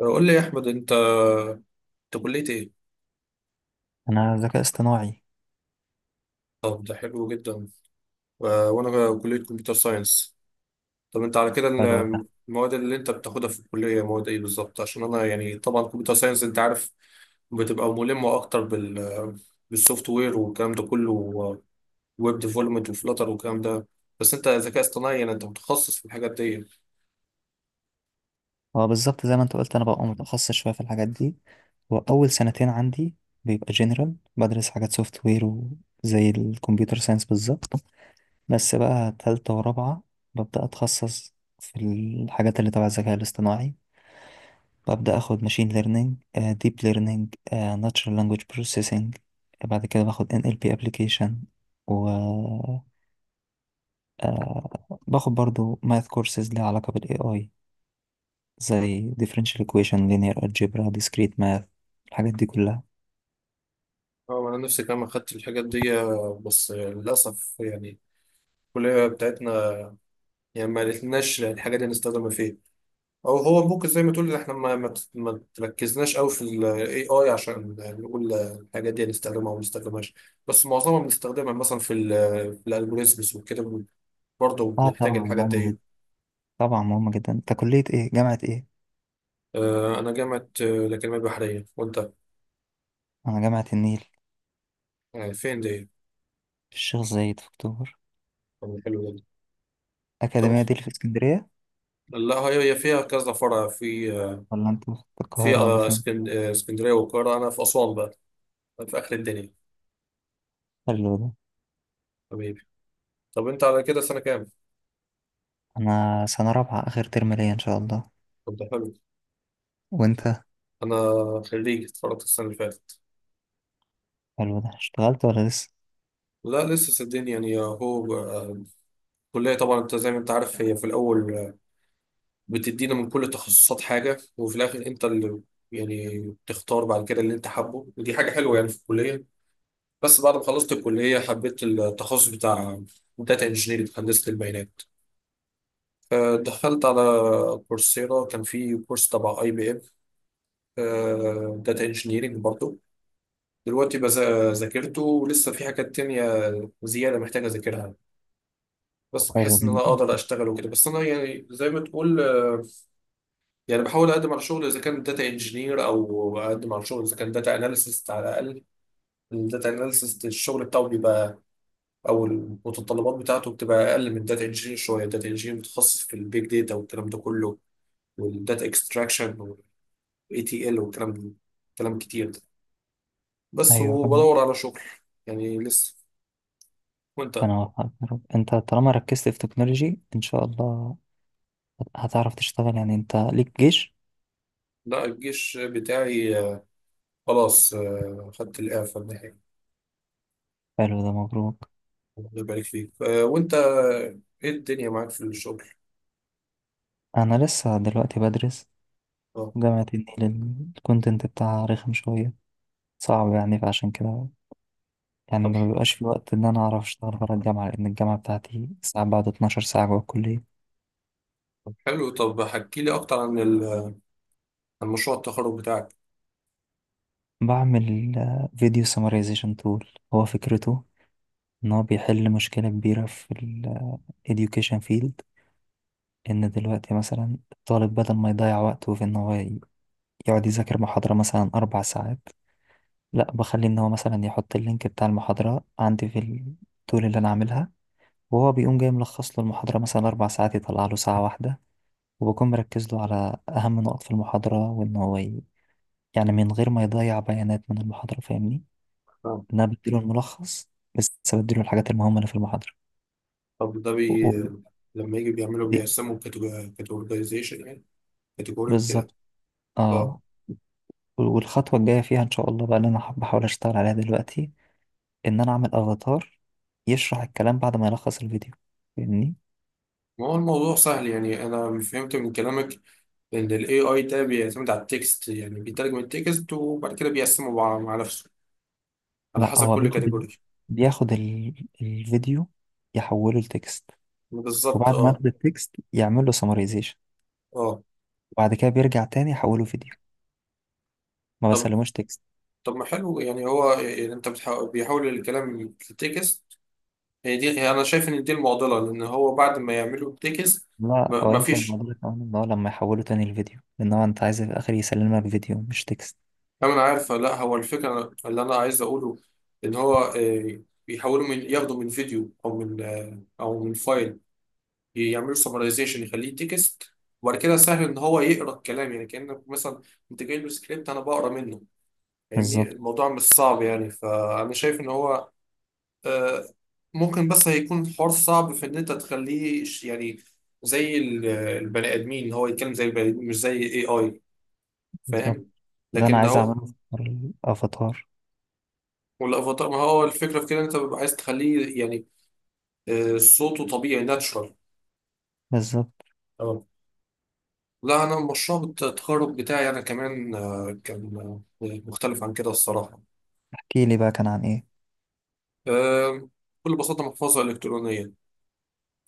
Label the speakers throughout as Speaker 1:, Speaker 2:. Speaker 1: قول لي يا احمد، انت كليه ايه؟
Speaker 2: انا ذكاء اصطناعي.
Speaker 1: طب ده حلو جدا. وانا كليه كمبيوتر ساينس. طب انت على كده
Speaker 2: حلو ده.
Speaker 1: المواد اللي انت بتاخدها في الكليه مواد ايه بالظبط؟ عشان انا يعني طبعا كمبيوتر ساينس انت عارف، بتبقى ملمه اكتر بالسوفت وير والكلام ده كله، ويب ديفلوبمنت وفلاتر والكلام ده. بس انت ذكاء اصطناعي، يعني انت متخصص في الحاجات دي.
Speaker 2: اه، بالظبط زي ما انت قلت، انا ببقى متخصص شويه في الحاجات دي، واول سنتين عندي بيبقى جنرال، بدرس حاجات سوفت وير وزي الكمبيوتر ساينس بالظبط. بس بقى تالتة ورابعة ببدأ أتخصص في الحاجات اللي تبع الذكاء الاصطناعي. ببدأ أخد ماشين ليرنينج، ديب ليرنينج، ناتشرال لانجويج بروسيسنج. بعد كده باخد NLP application، وباخد برضو ماث كورسز ليها علاقة بال AI، زي differential equation، linear algebra، discrete math، الحاجات دي كلها.
Speaker 1: اه، انا نفسي كمان اخدت الحاجات دي، بس للاسف يعني الكليه بتاعتنا يعني ما لقيناش الحاجات دي نستخدمها فيها، او هو ممكن زي ما تقول احنا ما تركزناش قوي في الاي اي عشان نقول الحاجات دي هنستخدمها او ما نستخدمهاش. بس معظمها بنستخدمها مثلا في الالجوريزمز وكده، برضه
Speaker 2: اه
Speaker 1: بنحتاج
Speaker 2: طبعا
Speaker 1: الحاجات
Speaker 2: مهمة
Speaker 1: دي.
Speaker 2: جدا، طبعا مهمة جدا. انت كلية ايه؟ جامعة ايه؟
Speaker 1: انا جامعه الاكاديميه البحريه، وانت؟
Speaker 2: انا جامعة النيل.
Speaker 1: فين دي؟
Speaker 2: في الشيخ زايد، في اكتوبر.
Speaker 1: طب حلو جدا. طب
Speaker 2: اكاديمية دي اللي في اسكندرية.
Speaker 1: لا، هي فيها كذا فرع في آه،
Speaker 2: ولا انت في
Speaker 1: في
Speaker 2: القاهرة ولا
Speaker 1: آه،
Speaker 2: فين؟
Speaker 1: اسكن- آه، اسكندريه والقاهره، انا في اسوان بقى، في اخر الدنيا.
Speaker 2: حلو ده.
Speaker 1: حبيبي. طب انت على كده سنه كام؟
Speaker 2: انا سنة رابعة، اخر ترم ليا ان شاء الله.
Speaker 1: طب ده حلو.
Speaker 2: وانت؟
Speaker 1: انا خريج، اتخرجت السنه اللي فاتت.
Speaker 2: حلو ده، اشتغلت ولا لسه؟
Speaker 1: لا لسه، صدقني، يعني هو. الكلية طبعا انت زي ما انت عارف هي في الأول، بتدينا من كل تخصصات حاجة، وفي الآخر انت اللي، يعني، بتختار بعد كده اللي انت حابه، ودي حاجة حلوة يعني في الكلية. بس بعد ما خلصت الكلية حبيت التخصص بتاع داتا انجينيرنج، هندسة البيانات. دخلت على كورسيرا، كان في كورس تبع اي بي ام، داتا انجينيرنج برضه. دلوقتي ذاكرته، ولسه في حاجات تانية زيادة محتاجة أذاكرها. بس
Speaker 2: حلو
Speaker 1: بحس ان انا
Speaker 2: جدا.
Speaker 1: اقدر اشتغل وكده، بس انا يعني زي ما تقول، يعني بحاول اقدم على شغل اذا كان داتا انجينير، او اقدم على شغل اذا كان داتا اناليسيست على الاقل. الداتا اناليسيست الشغل بتاعه بيبقى، او المتطلبات بتاعته بتبقى اقل من داتا انجينير شويه. الداتا انجينير متخصص في البيج داتا والكلام ده كله، والداتا اكستراكشن والاي تي ال والكلام، كلام كتير ده، بس
Speaker 2: ايوه، فاهم.
Speaker 1: وبدور على شغل، يعني لسه. وانت؟
Speaker 2: انا وفقت يا رب. انت طالما ركزت في تكنولوجي ان شاء الله هتعرف تشتغل. يعني انت ليك جيش؟
Speaker 1: لا، الجيش بتاعي، خلاص، خدت الاعفاء النهائي.
Speaker 2: حلو ده، مبروك.
Speaker 1: الله يبارك فيك. وانت، ايه الدنيا معاك في الشغل؟
Speaker 2: انا لسه دلوقتي بدرس.
Speaker 1: اه.
Speaker 2: جامعة النيل الكونتنت بتاعها رخم شوية، صعب يعني. فعشان كده يعني
Speaker 1: طب
Speaker 2: ما بيبقاش في وقت ان انا اعرف اشتغل بره الجامعة، لان الجامعة بتاعتي ساعات بعد 12 ساعة جوه الكلية.
Speaker 1: طب حلو، طب حكي لي اكتر عن مشروع التخرج بتاعك.
Speaker 2: بعمل فيديو سمرايزيشن تول. هو فكرته ان هو بيحل مشكلة كبيرة في ال education field. ان دلوقتي مثلا الطالب بدل ما يضيع وقته في ان هو يقعد يذاكر محاضرة مثلا 4 ساعات، لا بخليه ان هو مثلا يحط اللينك بتاع المحاضرة عندي في التول اللي انا عاملها، وهو بيقوم جاي ملخص له المحاضرة مثلا 4 ساعات يطلع له ساعة واحدة، وبكون مركز له على أهم نقط في المحاضرة، وإن هو يعني من غير ما يضيع بيانات من المحاضرة. فاهمني؟
Speaker 1: اه.
Speaker 2: إن أنا بديله الملخص بس، بديله الحاجات المهمة اللي في المحاضرة.
Speaker 1: طب ده
Speaker 2: و-
Speaker 1: بي،
Speaker 2: و-
Speaker 1: لما يجي بيعملوا
Speaker 2: دي-
Speaker 1: بيقسموا كاتيجورايزيشن يعني، كاتيجوري وكده.
Speaker 2: بالظبط،
Speaker 1: اه.
Speaker 2: اه. والخطوة الجاية فيها إن شاء الله بقى اللي أنا بحاول أشتغل عليها دلوقتي، إن أنا أعمل أفاتار يشرح الكلام بعد ما يلخص الفيديو. فاهمني؟
Speaker 1: ما هو الموضوع سهل يعني، انا فهمت من كلامك ان الاي اي ده بيعتمد على التكست، يعني بيترجم التكست وبعد كده بيقسمه مع نفسه على
Speaker 2: لأ،
Speaker 1: حسب
Speaker 2: هو
Speaker 1: كل
Speaker 2: بياخد ال-
Speaker 1: كاتيجوري.
Speaker 2: بياخد ال- الفيديو، يحوله لتكست،
Speaker 1: بالظبط.
Speaker 2: وبعد ما
Speaker 1: اه
Speaker 2: ياخد التكست يعمل له سمرايزيشن،
Speaker 1: اه.
Speaker 2: وبعد كده بيرجع تاني يحوله فيديو. ما
Speaker 1: طب
Speaker 2: بسلموش تكست.
Speaker 1: طب ما حلو، يعني هو يعني انت بتحاول بيحول الكلام لتكست. هي دي، هي انا شايف ان دي المعضله، لان هو بعد ما يعملوا تكست
Speaker 2: لا،
Speaker 1: ما
Speaker 2: هو
Speaker 1: ما
Speaker 2: يمكن
Speaker 1: فيش.
Speaker 2: الموضوع كمان ان هو لما يحوله تاني الفيديو، لان هو انت عايز في الاخر يسلمك فيديو مش تكست.
Speaker 1: انا عارفه، لا هو الفكره اللي انا عايز اقوله، ان هو، بيحولوا، من ياخدوا من فيديو، او من، او من فايل، يعملوا سمرايزيشن يخليه تكست، وبعد كده سهل ان هو يقرا الكلام. يعني كانك مثلا انت جاي له سكريبت انا بقرا منه. فاهمني؟
Speaker 2: بالظبط.
Speaker 1: الموضوع مش صعب يعني، فانا شايف ان هو، آه، ممكن، بس هيكون الحوار صعب في ان انت تخليه يعني زي البني ادمين، ان هو يتكلم زي البني ادمين مش زي اي اي.
Speaker 2: بالظبط،
Speaker 1: فاهم؟
Speaker 2: ده انا
Speaker 1: لكن
Speaker 2: عايز
Speaker 1: هو.
Speaker 2: اعمله في حوار الافاتار.
Speaker 1: والافاتار ما هو الفكره في كده، إن انت بيبقى عايز تخليه يعني، صوته طبيعي، ناتشرال.
Speaker 2: بالظبط.
Speaker 1: اه. لا، انا مشروع التخرج بتاعي انا كمان، كان، مختلف عن كده الصراحه.
Speaker 2: احكي لي بقى كان عن ايه.
Speaker 1: آه، بكل بساطه، محفظه الكترونيه.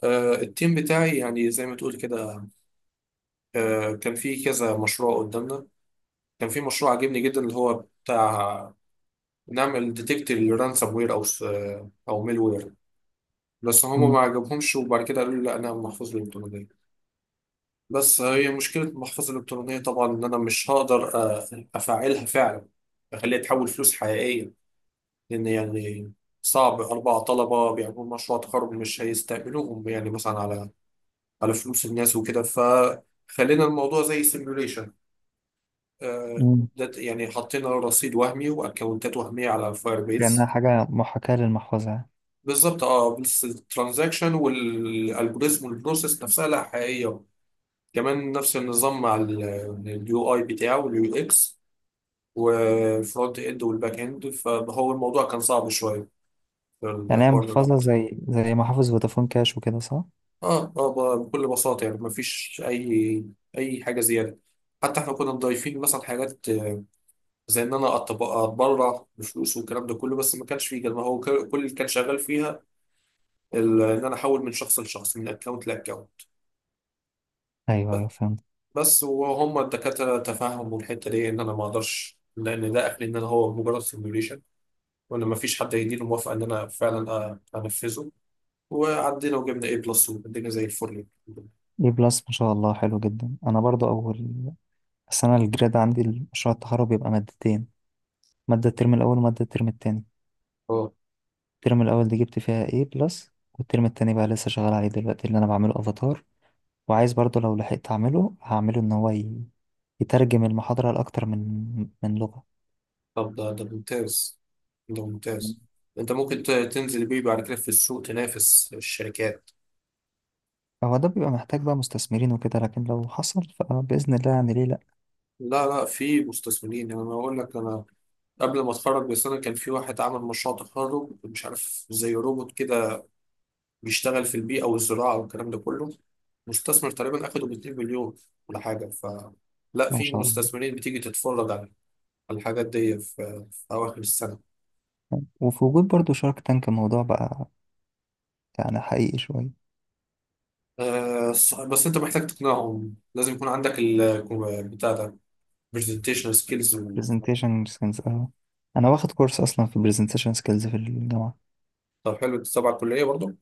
Speaker 1: التيم بتاعي يعني زي ما تقول كده، كان في كذا مشروع قدامنا. كان في مشروع عجبني جدا، اللي هو بتاع، نعمل ديتكت للرانسوم وير، او او ميل وير. بس هما
Speaker 2: مم.
Speaker 1: ما عجبهمش، وبعد كده قالوا لي لا، انا محفظة الالكترونية. بس هي مشكلة المحفظة الالكترونية طبعا ان انا مش هقدر افعلها فعلا، اخليها تحول فلوس حقيقية، لان يعني صعب اربع طلبة بيعملوا مشروع تخرج مش هيستقبلوهم يعني مثلا على فلوس الناس وكده، فخلينا الموضوع زي سيميوليشن.
Speaker 2: مم.
Speaker 1: ده يعني حطينا رصيد وهمي واكونتات وهميه على الفاير
Speaker 2: لانها
Speaker 1: بيز.
Speaker 2: حاجه محاكاه للمحفظه يعني.
Speaker 1: بالظبط، اه، بس الترانزاكشن والالجوريزم والبروسيس نفسها لا حقيقيه، كمان نفس النظام مع اليو اي بتاعه واليو اكس والفرونت اند والباك اند، فهو الموضوع كان صعب شويه في
Speaker 2: يعني هي
Speaker 1: الحوار،
Speaker 2: محفظه
Speaker 1: الربط.
Speaker 2: زي محافظ فودافون كاش وكده صح؟
Speaker 1: اه اه، بكل بساطه يعني مفيش اي حاجه زياده. حتى احنا كنا مضايفين مثلا حاجات زي ان انا اتبرع بفلوس والكلام ده كله، بس ما كانش فيه كده، ما هو كل اللي كان شغال فيها، ان انا احول من شخص لشخص، من اكونت لاكونت.
Speaker 2: ايوه، ايوه، فهمت.
Speaker 1: بس وهم الدكاتره تفهموا الحته دي، ان انا ما اقدرش، لان ده اخري ان انا هو مجرد سيميوليشن، وان ما فيش حد هيديني موافقه ان انا فعلا انفذه. وعدينا وجبنا اي بلس والدنيا زي الفل.
Speaker 2: اي بلس، ما شاء الله، حلو جدا. انا برضو اول السنه الجراد عندي مشروع التخرج بيبقى مادتين، مادة الترم الأول ومادة الترم التاني.
Speaker 1: اه،
Speaker 2: الترم الأول دي جبت فيها A بلس، والترم التاني بقى لسه شغال عليه دلوقتي. اللي أنا بعمله أفاتار، وعايز برضو لو لحقت أعمله، هعمله إن هو يترجم المحاضرة لأكتر من لغة.
Speaker 1: طب ده ممتاز، ده ممتاز. انت ممكن تنزل بيه بعد كده في السوق، تنافس الشركات.
Speaker 2: هو ده بيبقى محتاج بقى مستثمرين وكده، لكن لو حصل فبإذن الله يعني ليه لأ.
Speaker 1: لا لا، في مستثمرين، يعني انا اقول لك، انا قبل ما اتخرج بسنه كان في واحد عمل مشروع تخرج مش عارف، زي روبوت كده، بيشتغل في البيئه والزراعه والكلام ده كله. مستثمر تقريبا اخده ب 2 مليون ولا حاجه. ف لا،
Speaker 2: ما
Speaker 1: في
Speaker 2: شاء الله.
Speaker 1: مستثمرين بتيجي تتفرج على الحاجات دي في اواخر السنه.
Speaker 2: وفي وجود برضو شارك تانك الموضوع بقى يعني حقيقي شوية.
Speaker 1: أه، بس انت محتاج تقنعهم، لازم يكون عندك ال بتاع ده، برزنتيشن سكيلز.
Speaker 2: presentation skills، اه. أنا واخد كورس أصلا في presentation skills في الجامعة.
Speaker 1: طب حلو، انت تبع الكليه برضه؟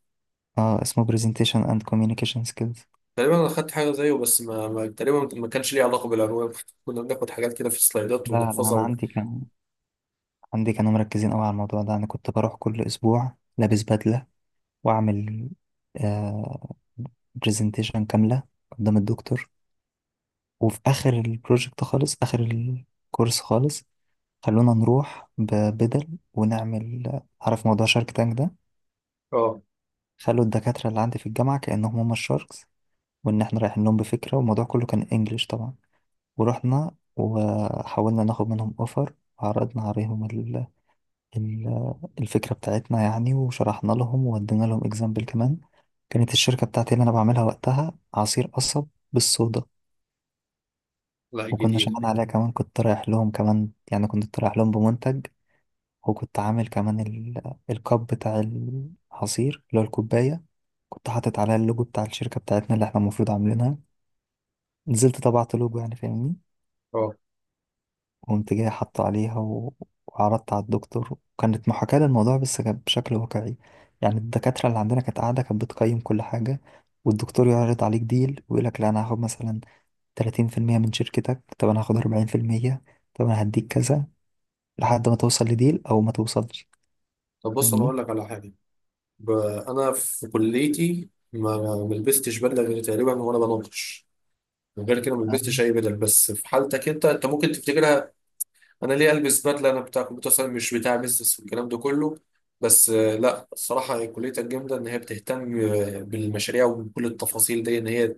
Speaker 2: اه، اسمه presentation and communication skills.
Speaker 1: تقريبا انا خدت حاجه زيه، بس ما تقريبا ما كانش ليه علاقه بالانواع. كنا بناخد حاجات كده في السلايدات
Speaker 2: لا، لا،
Speaker 1: ونحفظها
Speaker 2: أنا
Speaker 1: ون...
Speaker 2: عندي كانوا مركزين قوي على الموضوع ده. انا كنت بروح كل اسبوع لابس بدله واعمل آه برزنتيشن كامله قدام الدكتور. وفي اخر البروجكت خالص، اخر الكورس خالص، خلونا نروح ببدل ونعمل. عارف موضوع شارك تانك ده؟
Speaker 1: اه.
Speaker 2: خلوا الدكاتره اللي عندي في الجامعه كانهم هم الشاركس، وان احنا رايحين لهم بفكره، والموضوع كله كان انجليش طبعا. ورحنا وحاولنا ناخد منهم اوفر، وعرضنا عليهم ال- الفكرة بتاعتنا يعني، وشرحنا لهم وودينا لهم اكزامبل كمان. كانت الشركة بتاعتي اللي أنا بعملها وقتها عصير قصب بالصودا.
Speaker 1: لا
Speaker 2: وكنا
Speaker 1: جديد.
Speaker 2: شغالين عليها، كمان كنت رايح لهم، كمان يعني كنت رايح لهم بمنتج، وكنت عامل كمان الكاب بتاع العصير اللي هو الكوباية، كنت حاطط عليها اللوجو بتاع الشركة بتاعتنا اللي احنا المفروض عاملينها. نزلت طبعت لوجو يعني، فاهمني؟
Speaker 1: اه.
Speaker 2: قمت جاي حاطه عليها. و... وعرضت على الدكتور، وكانت محاكاة للموضوع بس كانت بشكل واقعي. يعني الدكاترة اللي عندنا كانت قاعدة، كانت بتقيم كل حاجة. والدكتور يعرض عليك ديل ويقول لك لا، أنا هاخد مثلا 30% من شركتك، طب أنا هاخد 40%، طب أنا هديك كذا، لحد ما توصل لديل أو ما توصلش.
Speaker 1: طب بص انا
Speaker 2: فاهمني؟
Speaker 1: اقول لك على حاجه، ب... انا في كليتي ما لبستش بدله غير تقريبا وانا بناقش. غير كده ما لبستش
Speaker 2: أنا
Speaker 1: اي بدل. بس في حالتك انت ممكن تفتكرها. انا ليه البس بدله، انا بتاع كمبيوتر ساينس مش بتاع بيزنس والكلام ده كله. بس لا الصراحه كليه الجامده ان هي بتهتم، بالمشاريع وبكل التفاصيل دي، ان هي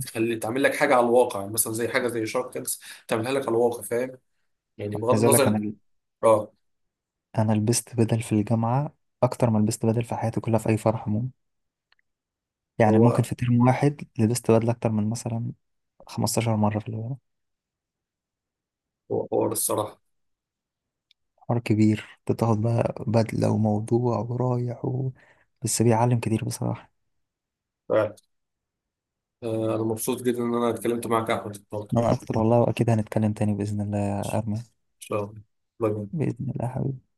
Speaker 1: تخلي تعمل لك حاجه على الواقع، يعني مثلا زي حاجه زي شارك تانكس تعملها لك على الواقع. فاهم؟ يعني بغض
Speaker 2: عايز أقول لك، أنا
Speaker 1: النظر. اه،
Speaker 2: أنا لبست بدل في الجامعة أكتر ما لبست بدل في حياتي كلها في أي فرح عموما. يعني ممكن
Speaker 1: هو
Speaker 2: في ترم واحد لبست بدل أكتر من مثلا 15 مرة في الجامعة.
Speaker 1: هو حوار الصراحه.
Speaker 2: حوار كبير. بتاخد بقى بدلة وموضوع ورايح. و... بس بيعلم كتير بصراحة.
Speaker 1: فعلا. انا مبسوط جدا ان انا اتكلمت معاك يا احمد النهارده.
Speaker 2: أنا أكتر والله، وأكيد هنتكلم تاني بإذن الله يا أرمي.
Speaker 1: ان شاء الله. باي باي.
Speaker 2: بإذن الله حبيبي.